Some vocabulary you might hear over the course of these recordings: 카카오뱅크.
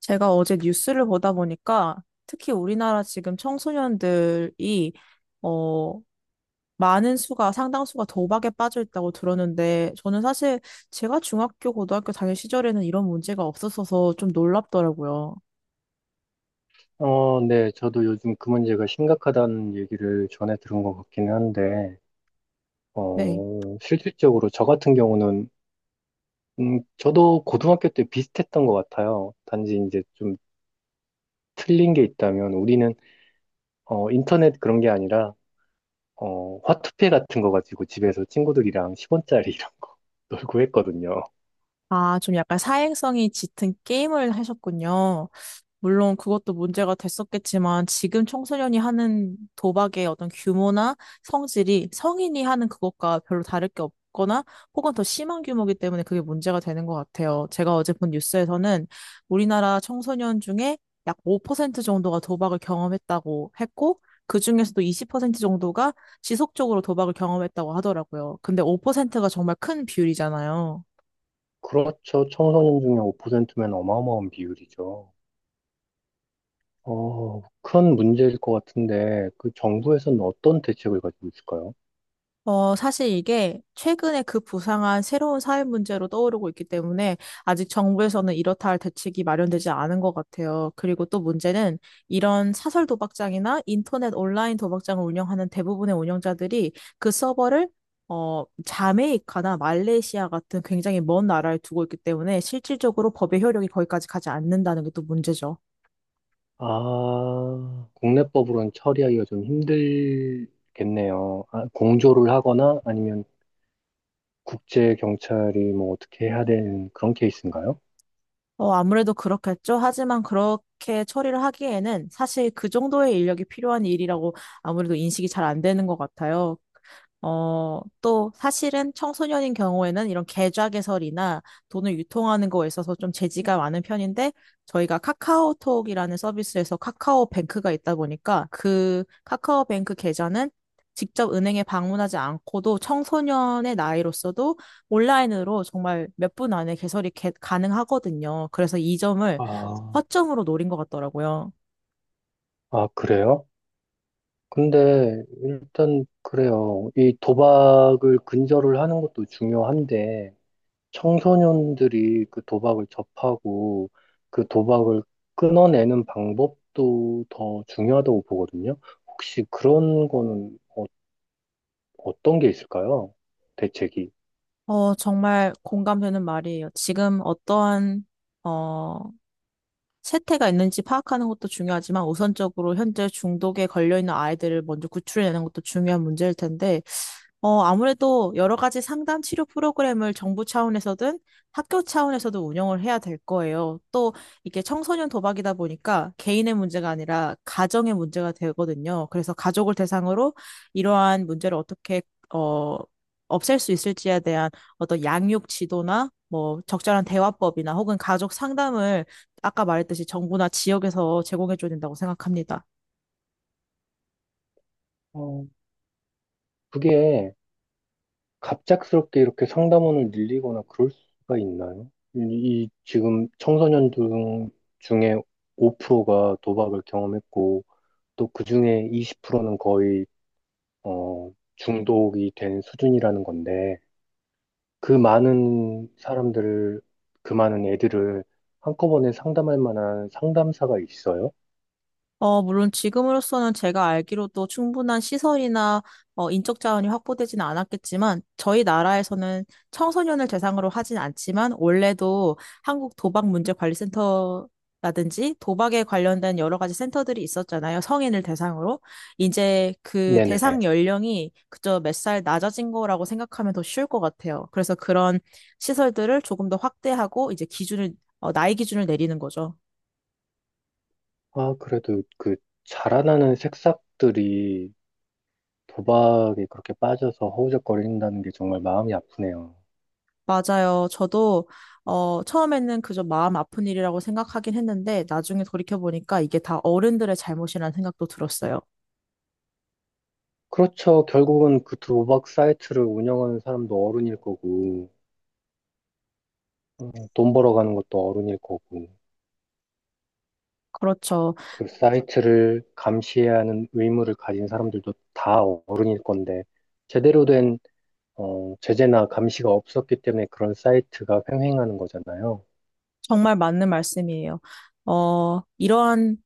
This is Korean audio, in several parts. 제가 어제 뉴스를 보다 보니까 특히 우리나라 지금 청소년들이 어 많은 수가 상당수가 도박에 빠져 있다고 들었는데 저는 사실 제가 중학교 고등학교 다닐 시절에는 이런 문제가 없었어서 좀 놀랍더라고요. 네, 저도 요즘 그 문제가 심각하다는 얘기를 전해 들은 것 같기는 한데, 네. 실질적으로 저 같은 경우는, 저도 고등학교 때 비슷했던 것 같아요. 단지 이제 좀 틀린 게 있다면, 우리는, 인터넷 그런 게 아니라, 화투패 같은 거 가지고 집에서 친구들이랑 10원짜리 이런 거 놀고 했거든요. 아, 좀 약간 사행성이 짙은 게임을 하셨군요. 물론 그것도 문제가 됐었겠지만 지금 청소년이 하는 도박의 어떤 규모나 성질이 성인이 하는 그것과 별로 다를 게 없거나 혹은 더 심한 규모이기 때문에 그게 문제가 되는 것 같아요. 제가 어제 본 뉴스에서는 우리나라 청소년 중에 약 5% 정도가 도박을 경험했다고 했고 그중에서도 20% 정도가 지속적으로 도박을 경험했다고 하더라고요. 근데 5%가 정말 큰 비율이잖아요. 그렇죠. 청소년 중에 5%면 어마어마한 비율이죠. 큰 문제일 것 같은데, 그 정부에서는 어떤 대책을 가지고 있을까요? 사실 이게 최근에 그 부상한 새로운 사회 문제로 떠오르고 있기 때문에 아직 정부에서는 이렇다 할 대책이 마련되지 않은 것 같아요. 그리고 또 문제는 이런 사설 도박장이나 인터넷 온라인 도박장을 운영하는 대부분의 운영자들이 그 서버를 자메이카나 말레이시아 같은 굉장히 먼 나라에 두고 있기 때문에 실질적으로 법의 효력이 거기까지 가지 않는다는 게 또 문제죠. 아, 국내법으로는 처리하기가 좀 힘들겠네요. 아, 공조를 하거나 아니면 국제 경찰이 뭐 어떻게 해야 되는 그런 케이스인가요? 아무래도 그렇겠죠. 하지만 그렇게 처리를 하기에는 사실 그 정도의 인력이 필요한 일이라고 아무래도 인식이 잘 안 되는 것 같아요. 또 사실은 청소년인 경우에는 이런 계좌 개설이나 돈을 유통하는 거에 있어서 좀 제지가 많은 편인데 저희가 카카오톡이라는 서비스에서 카카오뱅크가 있다 보니까 그 카카오뱅크 계좌는 직접 은행에 방문하지 않고도 청소년의 나이로서도 온라인으로 정말 몇 분 안에 개설이 가능하거든요. 그래서 이 점을 아, 허점으로 노린 것 같더라고요. 아, 그래요? 근데 일단 그래요. 이 도박을 근절을 하는 것도 중요한데 청소년들이 그 도박을 접하고 그 도박을 끊어내는 방법도 더 중요하다고 보거든요. 혹시 그런 거는 어떤 게 있을까요? 대책이. 정말 공감되는 말이에요. 지금 어떠한, 어, 세태가 있는지 파악하는 것도 중요하지만 우선적으로 현재 중독에 걸려있는 아이들을 먼저 구출해내는 것도 중요한 문제일 텐데 아무래도 여러 가지 상담 치료 프로그램을 정부 차원에서든 학교 차원에서도 운영을 해야 될 거예요. 또 이게 청소년 도박이다 보니까 개인의 문제가 아니라 가정의 문제가 되거든요. 그래서 가족을 대상으로 이러한 문제를 어떻게 어, 없앨 수 있을지에 대한 어떤 양육 지도나 뭐 적절한 대화법이나 혹은 가족 상담을 아까 말했듯이 정부나 지역에서 제공해 줘야 된다고 생각합니다. 어, 그게 갑작스럽게 이렇게 상담원을 늘리거나 그럴 수가 있나요? 이 지금 청소년 중에 5%가 도박을 경험했고, 또 그 중에 20%는 거의, 중독이 된 수준이라는 건데, 그 많은 사람들을, 그 많은 애들을 한꺼번에 상담할 만한 상담사가 있어요? 물론 지금으로서는 제가 알기로도 충분한 시설이나 인적 자원이 확보되지는 않았겠지만 저희 나라에서는 청소년을 대상으로 하진 않지만 원래도 한국 도박 문제 관리 센터라든지 도박에 관련된 여러 가지 센터들이 있었잖아요. 성인을 대상으로. 이제 그 네네. 대상 연령이 그저 몇 살 낮아진 거라고 생각하면 더 쉬울 것 같아요. 그래서 그런 시설들을 조금 더 확대하고 이제 나이 기준을 내리는 거죠. 아, 그래도 그 자라나는 새싹들이 도박에 그렇게 빠져서 허우적거린다는 게 정말 마음이 아프네요. 맞아요. 저도 처음에는 그저 마음 아픈 일이라고 생각하긴 했는데 나중에 돌이켜보니까 이게 다 어른들의 잘못이라는 생각도 들었어요. 그렇죠. 결국은 그 도박 사이트를 운영하는 사람도 어른일 거고, 돈 벌어가는 것도 어른일 거고, 그렇죠. 그 사이트를 감시해야 하는 의무를 가진 사람들도 다 어른일 건데, 제대로 된 제재나 감시가 없었기 때문에 그런 사이트가 횡행하는 거잖아요. 정말 맞는 말씀이에요. 어, 이러한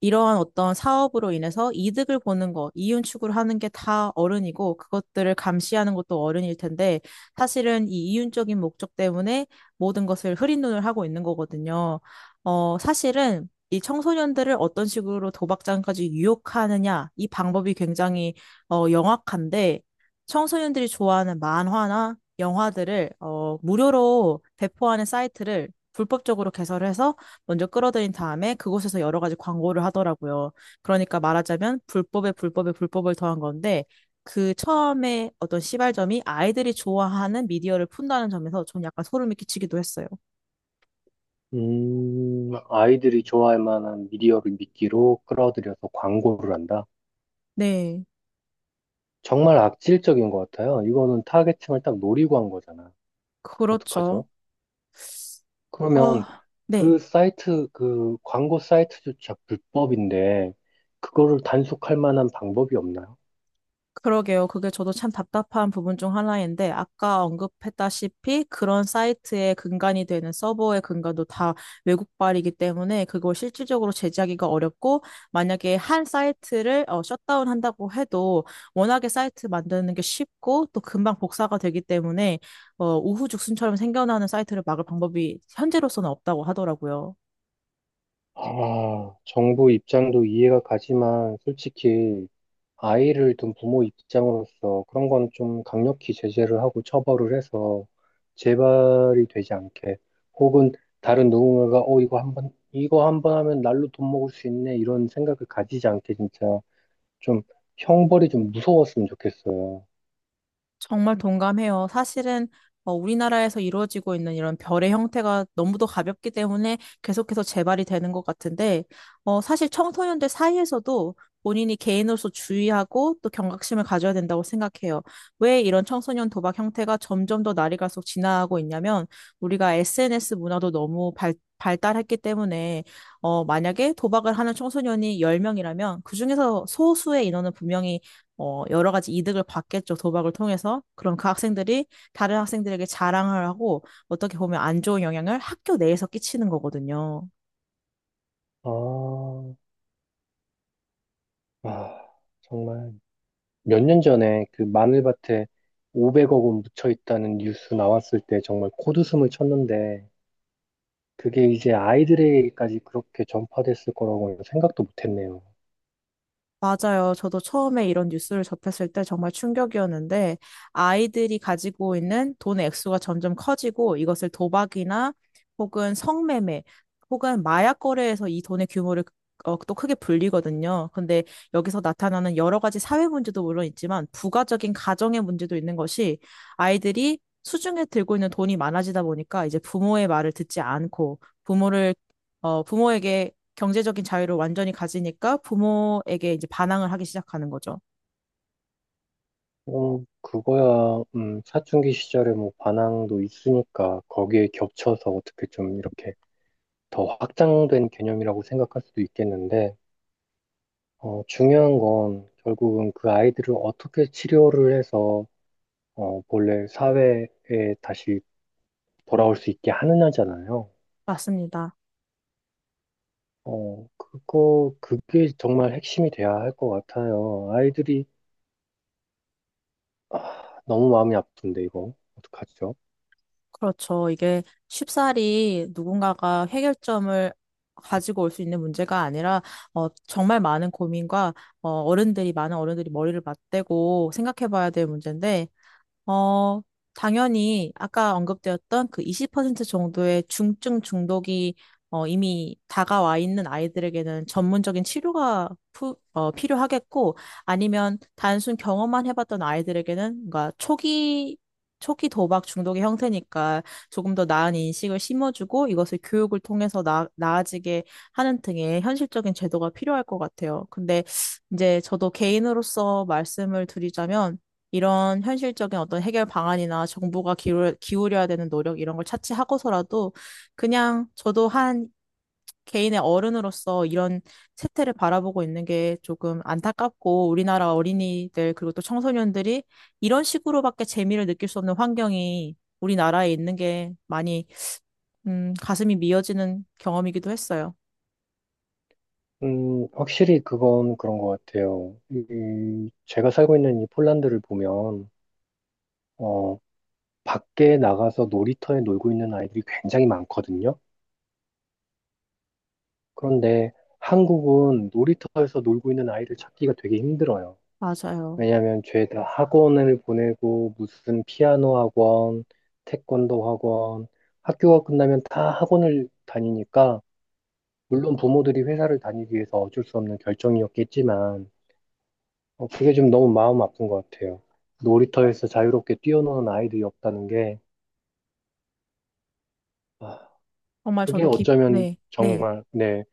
이러한 어떤 사업으로 인해서 이득을 보는 것, 이윤 추구를 하는 게 다 어른이고 그것들을 감시하는 것도 어른일 텐데 사실은 이 이윤적인 목적 때문에 모든 것을 흐린 눈을 하고 있는 거거든요. 사실은 이 청소년들을 어떤 식으로 도박장까지 유혹하느냐, 이 방법이 굉장히 영악한데 청소년들이 좋아하는 만화나 영화들을 무료로 배포하는 사이트를 불법적으로 개설해서 먼저 끌어들인 다음에 그곳에서 여러 가지 광고를 하더라고요. 그러니까 말하자면 불법에 불법에 불법을 더한 건데 그 처음에 어떤 시발점이 아이들이 좋아하는 미디어를 푼다는 점에서 전 약간 소름이 끼치기도 했어요. 아이들이 좋아할 만한 미디어를 미끼로 끌어들여서 광고를 한다. 네, 정말 악질적인 것 같아요. 이거는 타겟층을 딱 노리고 한 거잖아. 그렇죠. 어떡하죠? 어, 그러면 네. 그 사이트, 그 광고 사이트조차 불법인데, 그거를 단속할 만한 방법이 없나요? 그러게요. 그게 저도 참 답답한 부분 중 하나인데, 아까 언급했다시피 그런 사이트의 근간이 되는 서버의 근간도 다 외국발이기 때문에 그걸 실질적으로 제재하기가 어렵고, 만약에 한 사이트를 셧다운 한다고 해도 워낙에 사이트 만드는 게 쉽고 또 금방 복사가 되기 때문에 우후죽순처럼 생겨나는 사이트를 막을 방법이 현재로서는 없다고 하더라고요. 아, 정부 입장도 이해가 가지만, 솔직히 아이를 둔 부모 입장으로서 그런 건 좀 강력히 제재를 하고 처벌을 해서 재발이 되지 않게 혹은 다른 누군가가 이거 한번 이거 한번 하면 날로 돈 먹을 수 있네 이런 생각을 가지지 않게 진짜 좀 형벌이 좀 무서웠으면 좋겠어요. 정말 동감해요. 사실은 우리나라에서 이루어지고 있는 이런 별의 형태가 너무도 가볍기 때문에 계속해서 재발이 되는 것 같은데, 사실 청소년들 사이에서도 본인이 개인으로서 주의하고 또 경각심을 가져야 된다고 생각해요. 왜 이런 청소년 도박 형태가 점점 더 날이 갈수록 진화하고 있냐면, 우리가 SNS 문화도 너무 발달했기 때문에, 만약에 도박을 하는 청소년이 10명이라면, 그중에서 소수의 인원은 분명히 여러 가지 이득을 받겠죠, 도박을 통해서. 그럼 그 학생들이 다른 학생들에게 자랑을 하고 어떻게 보면 안 좋은 영향을 학교 내에서 끼치는 거거든요. 아, 아 정말 몇 년 전에 그 마늘밭에 500억 원 묻혀 있다는 뉴스 나왔을 때 정말 코웃음을 쳤는데 그게 이제 아이들에게까지 그렇게 전파됐을 거라고는 생각도 못했네요. 맞아요. 저도 처음에 이런 뉴스를 접했을 때 정말 충격이었는데, 아이들이 가지고 있는 돈의 액수가 점점 커지고, 이것을 도박이나 혹은 성매매, 혹은 마약 거래에서 이 돈의 규모를 또 크게 불리거든요. 근데 여기서 나타나는 여러 가지 사회 문제도 물론 있지만, 부가적인 가정의 문제도 있는 것이 아이들이 수중에 들고 있는 돈이 많아지다 보니까 이제 부모의 말을 듣지 않고, 부모에게 경제적인 자유를 완전히 가지니까 부모에게 이제 반항을 하기 시작하는 거죠. 그거야, 사춘기 시절에 뭐 반항도 있으니까 거기에 겹쳐서 어떻게 좀 이렇게 더 확장된 개념이라고 생각할 수도 있겠는데, 중요한 건 결국은 그 아이들을 어떻게 치료를 해서, 본래 사회에 다시 돌아올 수 있게 하느냐잖아요. 맞습니다. 그게 정말 핵심이 돼야 할 것 같아요. 아이들이 아, 너무 마음이 아픈데, 이거. 어떡하죠? 그렇죠. 이게 쉽사리 누군가가 해결점을 가지고 올 수 있는 문제가 아니라 정말 많은 고민과 어, 어른들이 많은 어른들이 머리를 맞대고 생각해 봐야 될 문제인데 어, 당연히 아까 언급되었던 그 20% 정도의 중증 중독이 이미 다가와 있는 아이들에게는 전문적인 치료가 필요하겠고 아니면 단순 경험만 해봤던 아이들에게는 뭔가 초기 도박 중독의 형태니까 조금 더 나은 인식을 심어주고 이것을 교육을 통해서 나아지게 하는 등의 현실적인 제도가 필요할 것 같아요. 근데 이제 저도 개인으로서 말씀을 드리자면 이런 현실적인 어떤 해결 방안이나 정부가 기울여야 되는 노력 이런 걸 차치하고서라도 그냥 저도 한 개인의 어른으로서 이런 세태를 바라보고 있는 게 조금 안타깝고 우리나라 어린이들 그리고 또 청소년들이 이런 식으로밖에 재미를 느낄 수 없는 환경이 우리나라에 있는 게 많이 가슴이 미어지는 경험이기도 했어요. 확실히 그건 그런 것 같아요. 제가 살고 있는 이 폴란드를 보면, 어, 밖에 나가서 놀이터에 놀고 있는 아이들이 굉장히 많거든요. 그런데 한국은 놀이터에서 놀고 있는 아이를 찾기가 되게 힘들어요. 맞아요. 왜냐하면 죄다 학원을 보내고, 무슨 피아노 학원, 태권도 학원, 학교가 끝나면 다 학원을 다니니까, 물론 부모들이 회사를 다니기 위해서 어쩔 수 없는 결정이었겠지만, 그게 좀 너무 마음 아픈 것 같아요. 놀이터에서 자유롭게 뛰어노는 아이들이 없다는 게, 아, 정말 그게 저도 어쩌면 네, 네. 정말, 네,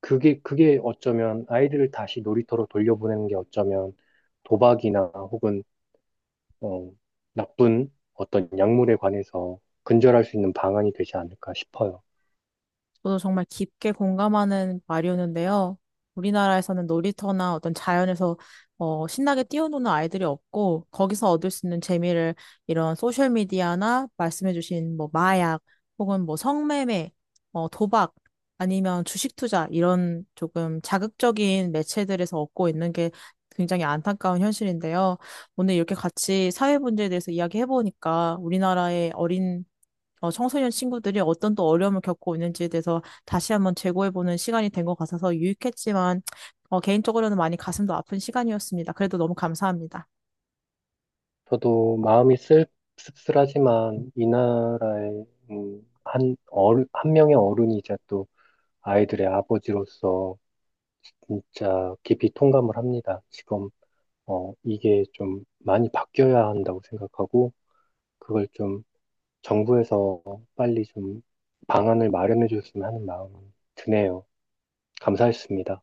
그게 어쩌면 아이들을 다시 놀이터로 돌려보내는 게 어쩌면 도박이나 혹은, 어, 나쁜 어떤 약물에 관해서 근절할 수 있는 방안이 되지 않을까 싶어요. 저도 정말 깊게 공감하는 말이었는데요. 우리나라에서는 놀이터나 어떤 자연에서 신나게 뛰어노는 아이들이 없고 거기서 얻을 수 있는 재미를 이런 소셜 미디어나 말씀해주신 뭐 마약 혹은 뭐 성매매, 도박 아니면 주식 투자 이런 조금 자극적인 매체들에서 얻고 있는 게 굉장히 안타까운 현실인데요. 오늘 이렇게 같이 사회 문제에 대해서 이야기해보니까 우리나라의 어린 청소년 친구들이 어떤 또 어려움을 겪고 있는지에 대해서 다시 한번 재고해보는 시간이 된 것 같아서 유익했지만, 개인적으로는 많이 가슴도 아픈 시간이었습니다. 그래도 너무 감사합니다. 저도 마음이 씁쓸하지만 이 나라의 한 명의 어른이 이제 또 아이들의 아버지로서 진짜 깊이 통감을 합니다. 지금 이게 좀 많이 바뀌어야 한다고 생각하고 그걸 좀 정부에서 빨리 좀 방안을 마련해 줬으면 하는 마음이 드네요. 감사했습니다.